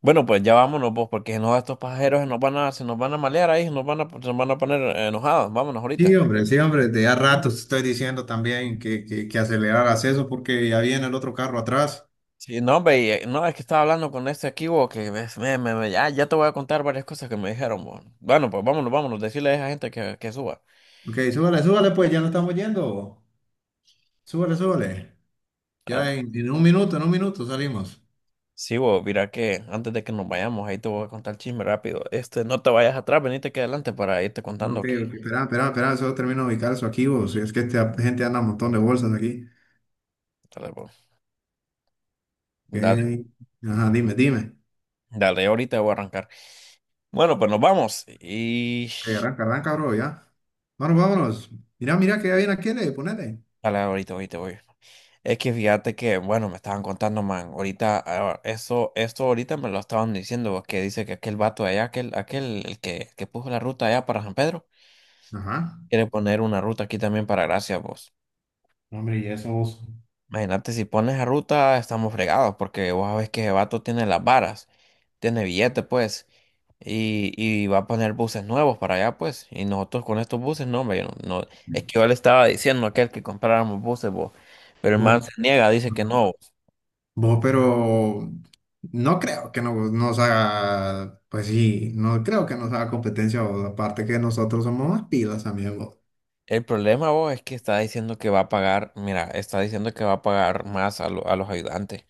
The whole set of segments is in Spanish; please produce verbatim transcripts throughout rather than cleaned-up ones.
Bueno, pues ya vámonos, pues, porque si no, estos pasajeros se nos van a, se nos van a malear ahí, se nos van a, se nos van a poner eh, enojados. Vámonos Sí, ahorita. hombre, sí, hombre, de a ratos te estoy diciendo también que, que, que aceleraras eso porque ya viene el otro carro atrás. Sí, no, hombre, y, eh, no, es que estaba hablando con este aquí, bo, que ves, me, me, me- ya, ya te voy a contar varias cosas que me dijeron, bo. Bueno, pues vámonos, vámonos, decirle a esa gente que, que suba. Ok, súbale, súbale, pues ya no estamos yendo. Súbale, súbale. Ah, Ya en, en un minuto, en un minuto salimos. sí, bo, mira que antes de que nos vayamos, ahí te voy a contar el chisme rápido. Este, no te vayas atrás, venite aquí adelante para irte Ok, contando que. ok, espera, espera, espera, solo termino de ubicar eso aquí, vos. Es que esta gente anda un montón de bolsas aquí. Dale, bo. Ok, Dale, ajá, dime, dime. dale, ahorita voy a arrancar. Bueno, pues nos vamos y… Ok, arranca, arranca, bro, ya. Bueno, vámonos. Mira, mira que ya viene aquí, le, ponele. Dale, ahorita, ahorita voy. Es que fíjate que, bueno, me estaban contando, man, ahorita, ah, eso, esto ahorita me lo estaban diciendo, que dice que aquel vato de allá, aquel, aquel, el que, que puso la ruta allá para San Pedro, Ajá. quiere poner una ruta aquí también para Gracia, vos. No, hombre, y eso vos. Imagínate, si pones la ruta, estamos fregados, porque vos sabés que ese vato tiene las varas, tiene billete, pues, y, y va a poner buses nuevos para allá, pues, y nosotros con estos buses, no, hombre, yo no, no, es que yo le estaba diciendo a aquel que compráramos buses, vos, pero el man No. se niega, dice que no. Vos, pero no creo que no- nos haga, pues sí, no creo que nos haga competencia, vos. Aparte que nosotros somos más pilas, amigo. El problema, vos, es que está diciendo que va a pagar, mira, está diciendo que va a pagar más a, lo- a los ayudantes.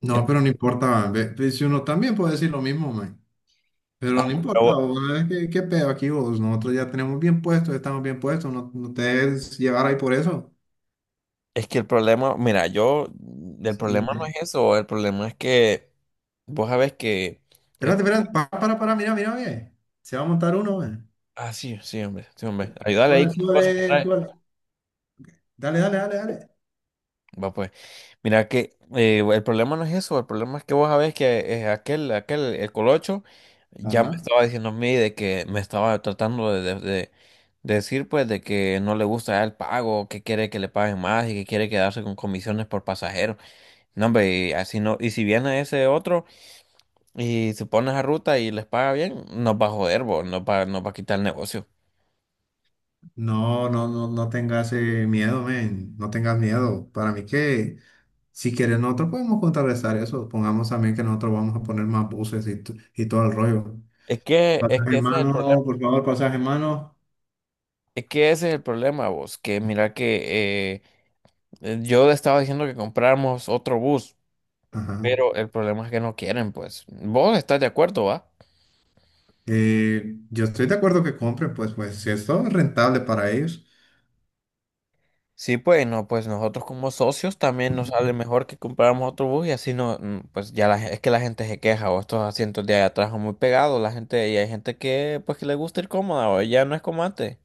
No, En- pero no importa, man. Ve- ve, si uno también puede decir lo mismo, man. Pero no importa, pero vos. es que- ¿Qué pedo aquí, vos? Nosotros ya tenemos bien puestos, estamos bien puestos, no, no te dejes llevar ahí por eso. es que el problema, mira, yo, el Sí, problema no es man. eso, el problema es que vos sabés que, es- Espérate, espérate, para, para, para, mira, mira, ve. Se va a montar uno, man. ah, sí, sí, hombre, sí, hombre, ayúdale ahí Sube, con las cosas que sube, trae. sube. Dale, dale, dale, dale. Va pues, mira que eh, el problema no es eso, el problema es que vos sabés que eh, aquel, aquel, el colocho, ya me Ajá. estaba diciendo a mí de que me estaba tratando de, de- de decir pues de que no le gusta el pago, que quiere que le paguen más y que quiere quedarse con comisiones por pasajero. No, hombre, y así no, y si viene ese otro y se pone esa ruta y les paga bien, nos va a joder, vos, nos va, nos va a quitar el negocio. No, no, no, no tengas eh, miedo, men, no tengas miedo. Para mí que si quieres nosotros podemos contrarrestar eso. Pongamos también que nosotros vamos a poner más buses y, t- y todo el rollo. Es que, es Pasaje que en ese es el problema, mano, por favor, pasaje en mano. es que ese es el problema, vos, que mira que eh, Eh, yo le estaba diciendo que compráramos otro bus, Ajá. pero el problema es que no quieren, pues. ¿Vos estás de acuerdo, va? Eh, yo estoy de acuerdo que compren, pues, pues si esto es rentable para ellos. Sí, pues no, pues nosotros como socios también nos sale mejor que compráramos otro bus y así no, mm, pues ya la, gen- es que la gente se queja o estos asientos de allá atrás son muy pegados, la gente y hay gente que pues que le gusta ir cómoda o ya no es como antes.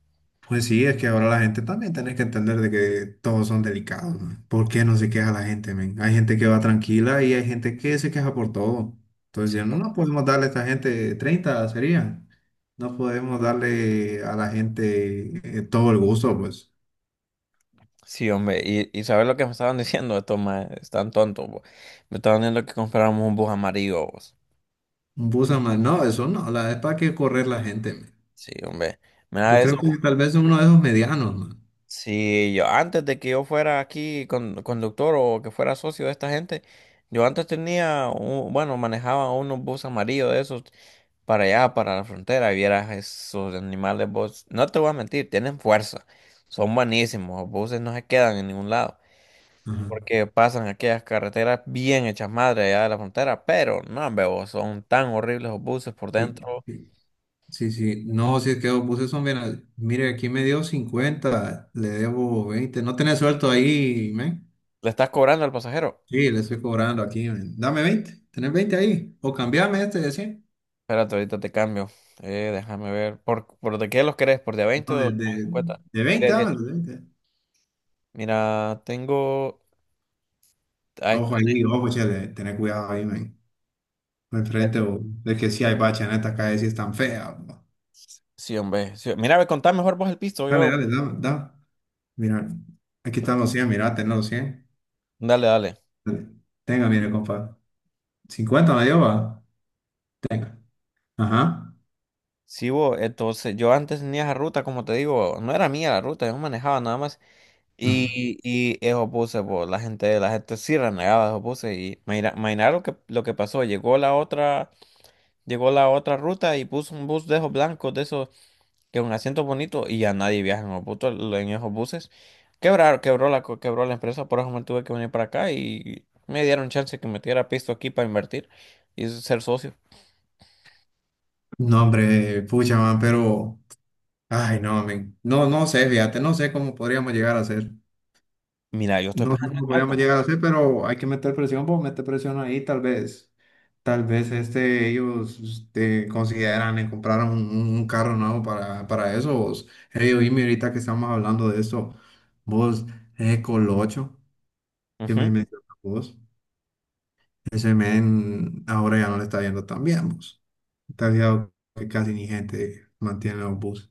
Pues sí, es que ahora la gente también tenés que entender de que todos son delicados, ¿no? ¿Por qué no se queja la gente, men? Hay gente que va tranquila y hay gente que se queja por todo. Entonces, Sí, ya no hom- podemos darle a esta gente treinta sería. No podemos darle a la gente eh, todo el gusto, pues. sí, hombre, y, y sabes lo que me estaban diciendo estos más, están tontos, vos. Me estaban diciendo que compráramos un bus amarillo, vos. Un busa más. No, eso no, la, es para que correr la gente, men. Sí, hombre. Yo Mira eso. creo que tal vez uno de esos medianos, man. Sí, yo antes de que yo fuera aquí con- conductor o que fuera socio de esta gente, yo antes tenía, un- bueno, manejaba unos bus amarillos de esos para allá, para la frontera, y vieras esos animales, vos, no te voy a mentir, tienen fuerza, son buenísimos, los buses no se quedan en ningún lado, Ajá. porque pasan aquellas carreteras bien hechas madre allá de la frontera, pero no, veo, son tan horribles los buses por ¿Y, dentro, y sí, sí, no, si es que vos puse eso, mira, mire, aquí me dio cincuenta, le debo veinte, no tenés suelto ahí, men. le estás cobrando al pasajero. Sí, le estoy cobrando aquí, men. Dame veinte, tenés veinte ahí, o cambiame este de cien. Espérate, ahorita te cambio. Eh, déjame ver. ¿Por, por de qué los querés? ¿Por de a veinte no, o de de, de, cincuenta? de Por de veinte, a diez. dame los veinte. Mira, tengo. Ahí está. Ojo ahí, ojo, chele, tené cuidado ahí, men. No enfrente, o es que sí hay bacha en esta calle, sí es tan fea, bo. Sí, hombre. Sí, mira, ve, contá mejor vos el piso. Dale, Yo… dale, dame, dame, mira, aquí están los cien, mira, tenés los cien. Dale, dale. Dale. Tenga, mire, compa, cincuenta me dio, va, tenga, ajá. Sí, vos. Entonces, yo antes tenía esa ruta, como te digo, no era mía la ruta, yo manejaba nada más. Ajá. Y, y eso puse, pues, la gente, la gente sí renegaba, eso puse. Y imagina, imagina lo que, lo que pasó. Llegó la otra, llegó la otra ruta y puso un bus de esos blancos, de esos que un asiento bonito y ya nadie viaja en, los butos- en esos buses. Quebraron, quebró la, co- quebró la empresa, por eso me tuve que venir para acá y me dieron chance que metiera pisto aquí para invertir y ser socio. No, hombre, pucha, man, pero, ay, no, men, no, no sé, fíjate, no sé cómo podríamos llegar a hacer, Mira, yo estoy no sé pensando en cómo algo, podríamos man. llegar a hacer, pero hay que meter presión, pues meter presión ahí, tal vez, tal vez, este, ellos, este, consideran en comprar un, un- un carro nuevo para, para eso, vos, hey, oíme, ahorita que estamos hablando de esto, vos, ese Colocho, que me Ujú. mencionas vos, ese men, ahora ya no le está yendo tan bien, vos, te has fijado que casi ni gente mantiene los buses.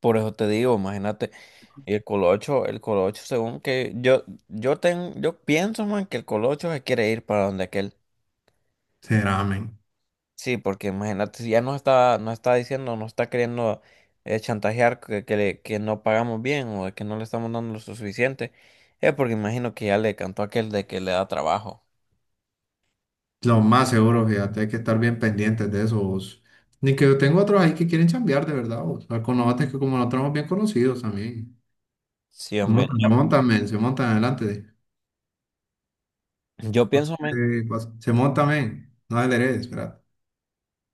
Por eso te digo, imagínate, el colocho, el colocho, según que yo, yo ten, yo pienso, man, que el colocho se quiere ir para donde aquel. Será, men. Sí, porque imagínate, si ya nos está, nos está diciendo, nos está queriendo eh, chantajear que, que, le- que no pagamos bien o que no le estamos dando lo suficiente, es porque imagino que ya le cantó aquel de que le da trabajo. Lo más seguro, fíjate, hay que estar bien pendientes de eso, vos. Ni que yo tengo otros ahí que quieren chambear, de verdad, vos. O sea, con los que como nosotros somos bien conocidos también. Sí, se hombre. Montan, se montan, men, se montan adelante. No, yo Pase, pienso, men- pase. Se montan, men. No adereces, espera.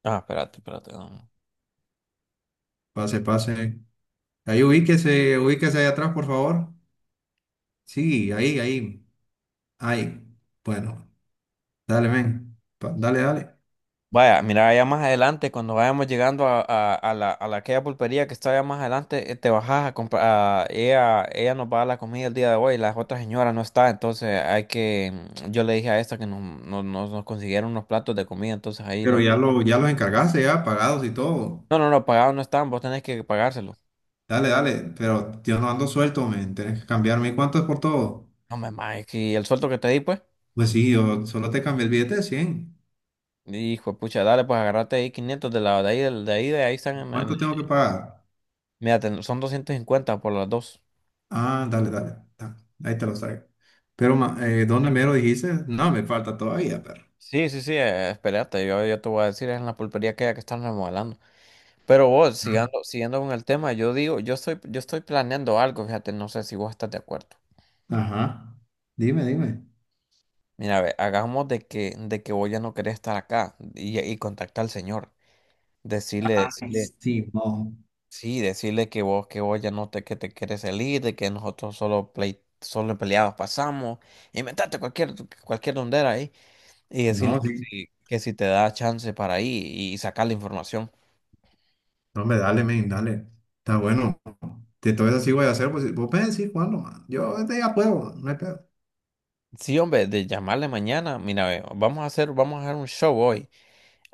ah, espérate, espérate. No, no. Pase, pase. Ahí ubíquese, ubíquese ahí atrás, por favor. Sí, ahí, ahí. Ahí. Bueno, dale, men. Pa- Dale, dale. Vaya, mira, allá más adelante, cuando vayamos llegando a, a- a la, a la- aquella pulpería que está allá más adelante, eh, te bajas a comprar, a- ella, ella nos va a dar la comida el día de hoy, la otra señora no está, entonces hay que, mm, yo le dije a esta que nos, nos, nos- nos consiguieron unos platos de comida, entonces ahí Pero los, ya, lo, ya los encargaste, ya pagados y todo. no, no, no, pagados no están, vos tenés que pagárselo. Dale, dale, pero yo no ando suelto, men, tienes que cambiarme. ¿Y cuánto es por todo? No, mamá, es que el sueldo que te di, pues, Pues sí, yo solo te cambié el billete de cien. hijo de pucha, dale, pues agarrate ahí quinientos de la, de ahí, del- de ahí, de ahí están, en- en- ¿Cuánto tengo que pagar? mira, ten- son doscientos cincuenta por las dos. Ah, dale, dale, ta, ahí te lo traigo. Pero, ma- eh, ¿dónde me lo dijiste? No, me falta todavía, perro. Sí, sí, sí, eh, espérate, yo, yo te voy a decir, es en la pulpería que, que están remodelando. Pero vos, Ah, siguiendo, siguiendo con el tema, yo digo, yo estoy, yo estoy planeando algo, fíjate, no sé si vos estás de acuerdo. ajá, dime, dime. Mira, ve, hagamos de que, de que vos ya no querés estar acá y, y contactar al señor. Decirle, Ay, decirle, Simón. sí, decirle que vos, que vos ya no te, que te quieres salir, de que nosotros solo play, solo peleados pasamos. Inventate cualquier, cualquier dondera ahí. Y decirle No, que sí. si, que si te da chance para ir y sacar la información. No, me dale, men, dale. Está bueno. De todo eso sí voy a hacer, pues vos puedes decir cuándo, man. Yo este ya puedo, no hay pedo. Sí, hombre, de llamarle mañana. Mira, ve, vamos a hacer, vamos a hacer un show hoy.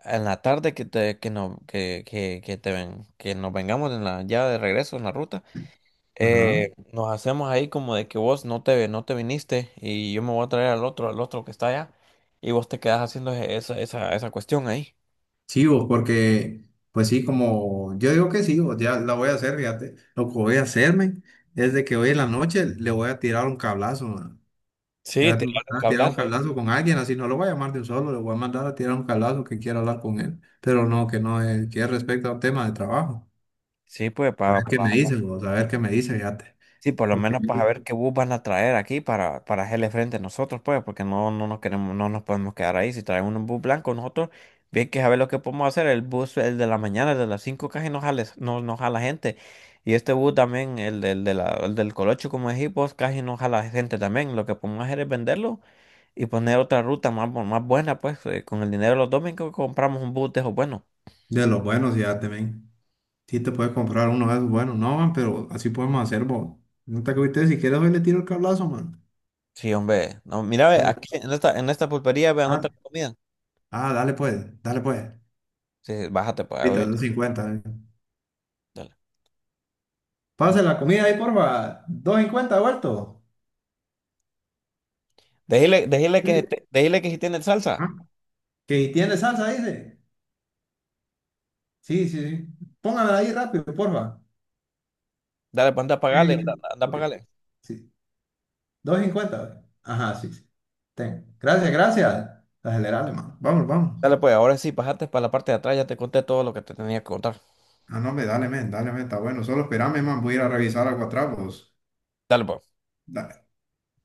En la tarde que te, que no, que, que, que te ven, que nos vengamos en la, ya de regreso en la ruta. Ajá. Eh, nos hacemos ahí como de que vos no te, no te viniste y yo me voy a traer al otro, al otro que está allá. Y vos te quedas haciendo esa, esa, esa cuestión ahí. Sí, vos, porque, pues sí, como yo digo que sí, vos, ya la voy a hacer, fíjate. Lo que voy a hacerme es de que hoy en la noche le voy a tirar un cablazo, man. Le Sí, voy a te un mandar a tirar un cablazo ahí. cablazo con alguien, así no lo voy a llamar de un solo, le voy a mandar a tirar un cablazo que quiera hablar con él, pero no, que no, es, que es respecto a un tema de trabajo. Sí, pues, A para ver qué me dice, vos, a ver qué me dice, fíjate. sí, por lo Porque menos para ver qué bus van a traer aquí para, para hacerle frente a nosotros, pues, porque no, no nos queremos, no nos podemos quedar ahí. Si traen un bus blanco, nosotros, bien que saber lo que podemos hacer, el bus, el de la mañana, el de las cinco casi no jala, no, no jala gente. Y este bus también, el del, de la- el del Colocho como dijimos casi no jala gente también. Lo que podemos hacer es venderlo y poner otra ruta más, bu- más buena, pues, eh, con el dinero de los domingos compramos un bus de esos buenos. de los buenos, fíjate, men. Sí te puedes comprar uno de esos buenos, no, man, pero así podemos hacer, vos. No te agüites, si quieres hoy le tiro el cablazo, man. Sí, hombre. No, mira, ve, Dale. aquí en esta, en esta pulpería, vean otra comida. Ah, dale pues, dale pues. Sí, sí, bájate, pues, Ahorita, ahorita. doscientos cincuenta. eh. Dale. Pase la comida ahí, porfa. doscientos cincuenta vuelto. Déjele, déjele Sí. que, esté- déjele que si tiene salsa. Ah, que tiene salsa, dice. Sí, sí, sí. Póngamela ahí rápido, porfa. Dale, pues anda a Sí, pagarle, sí. anda a Ok, pagarle. sí. doscientos cincuenta. Güey. Ajá, sí, sí. Ten. Gracias, gracias. Acelerale, man. Vamos, vamos. Dale, pues ahora sí, pasaste para la parte de atrás, ya te conté todo lo que te tenía que contar. Ah, no, me dale, men, dale, men, está bueno. Solo espérame, man. Voy a ir a revisar algo atrás, pues. Dale, pues. Dale.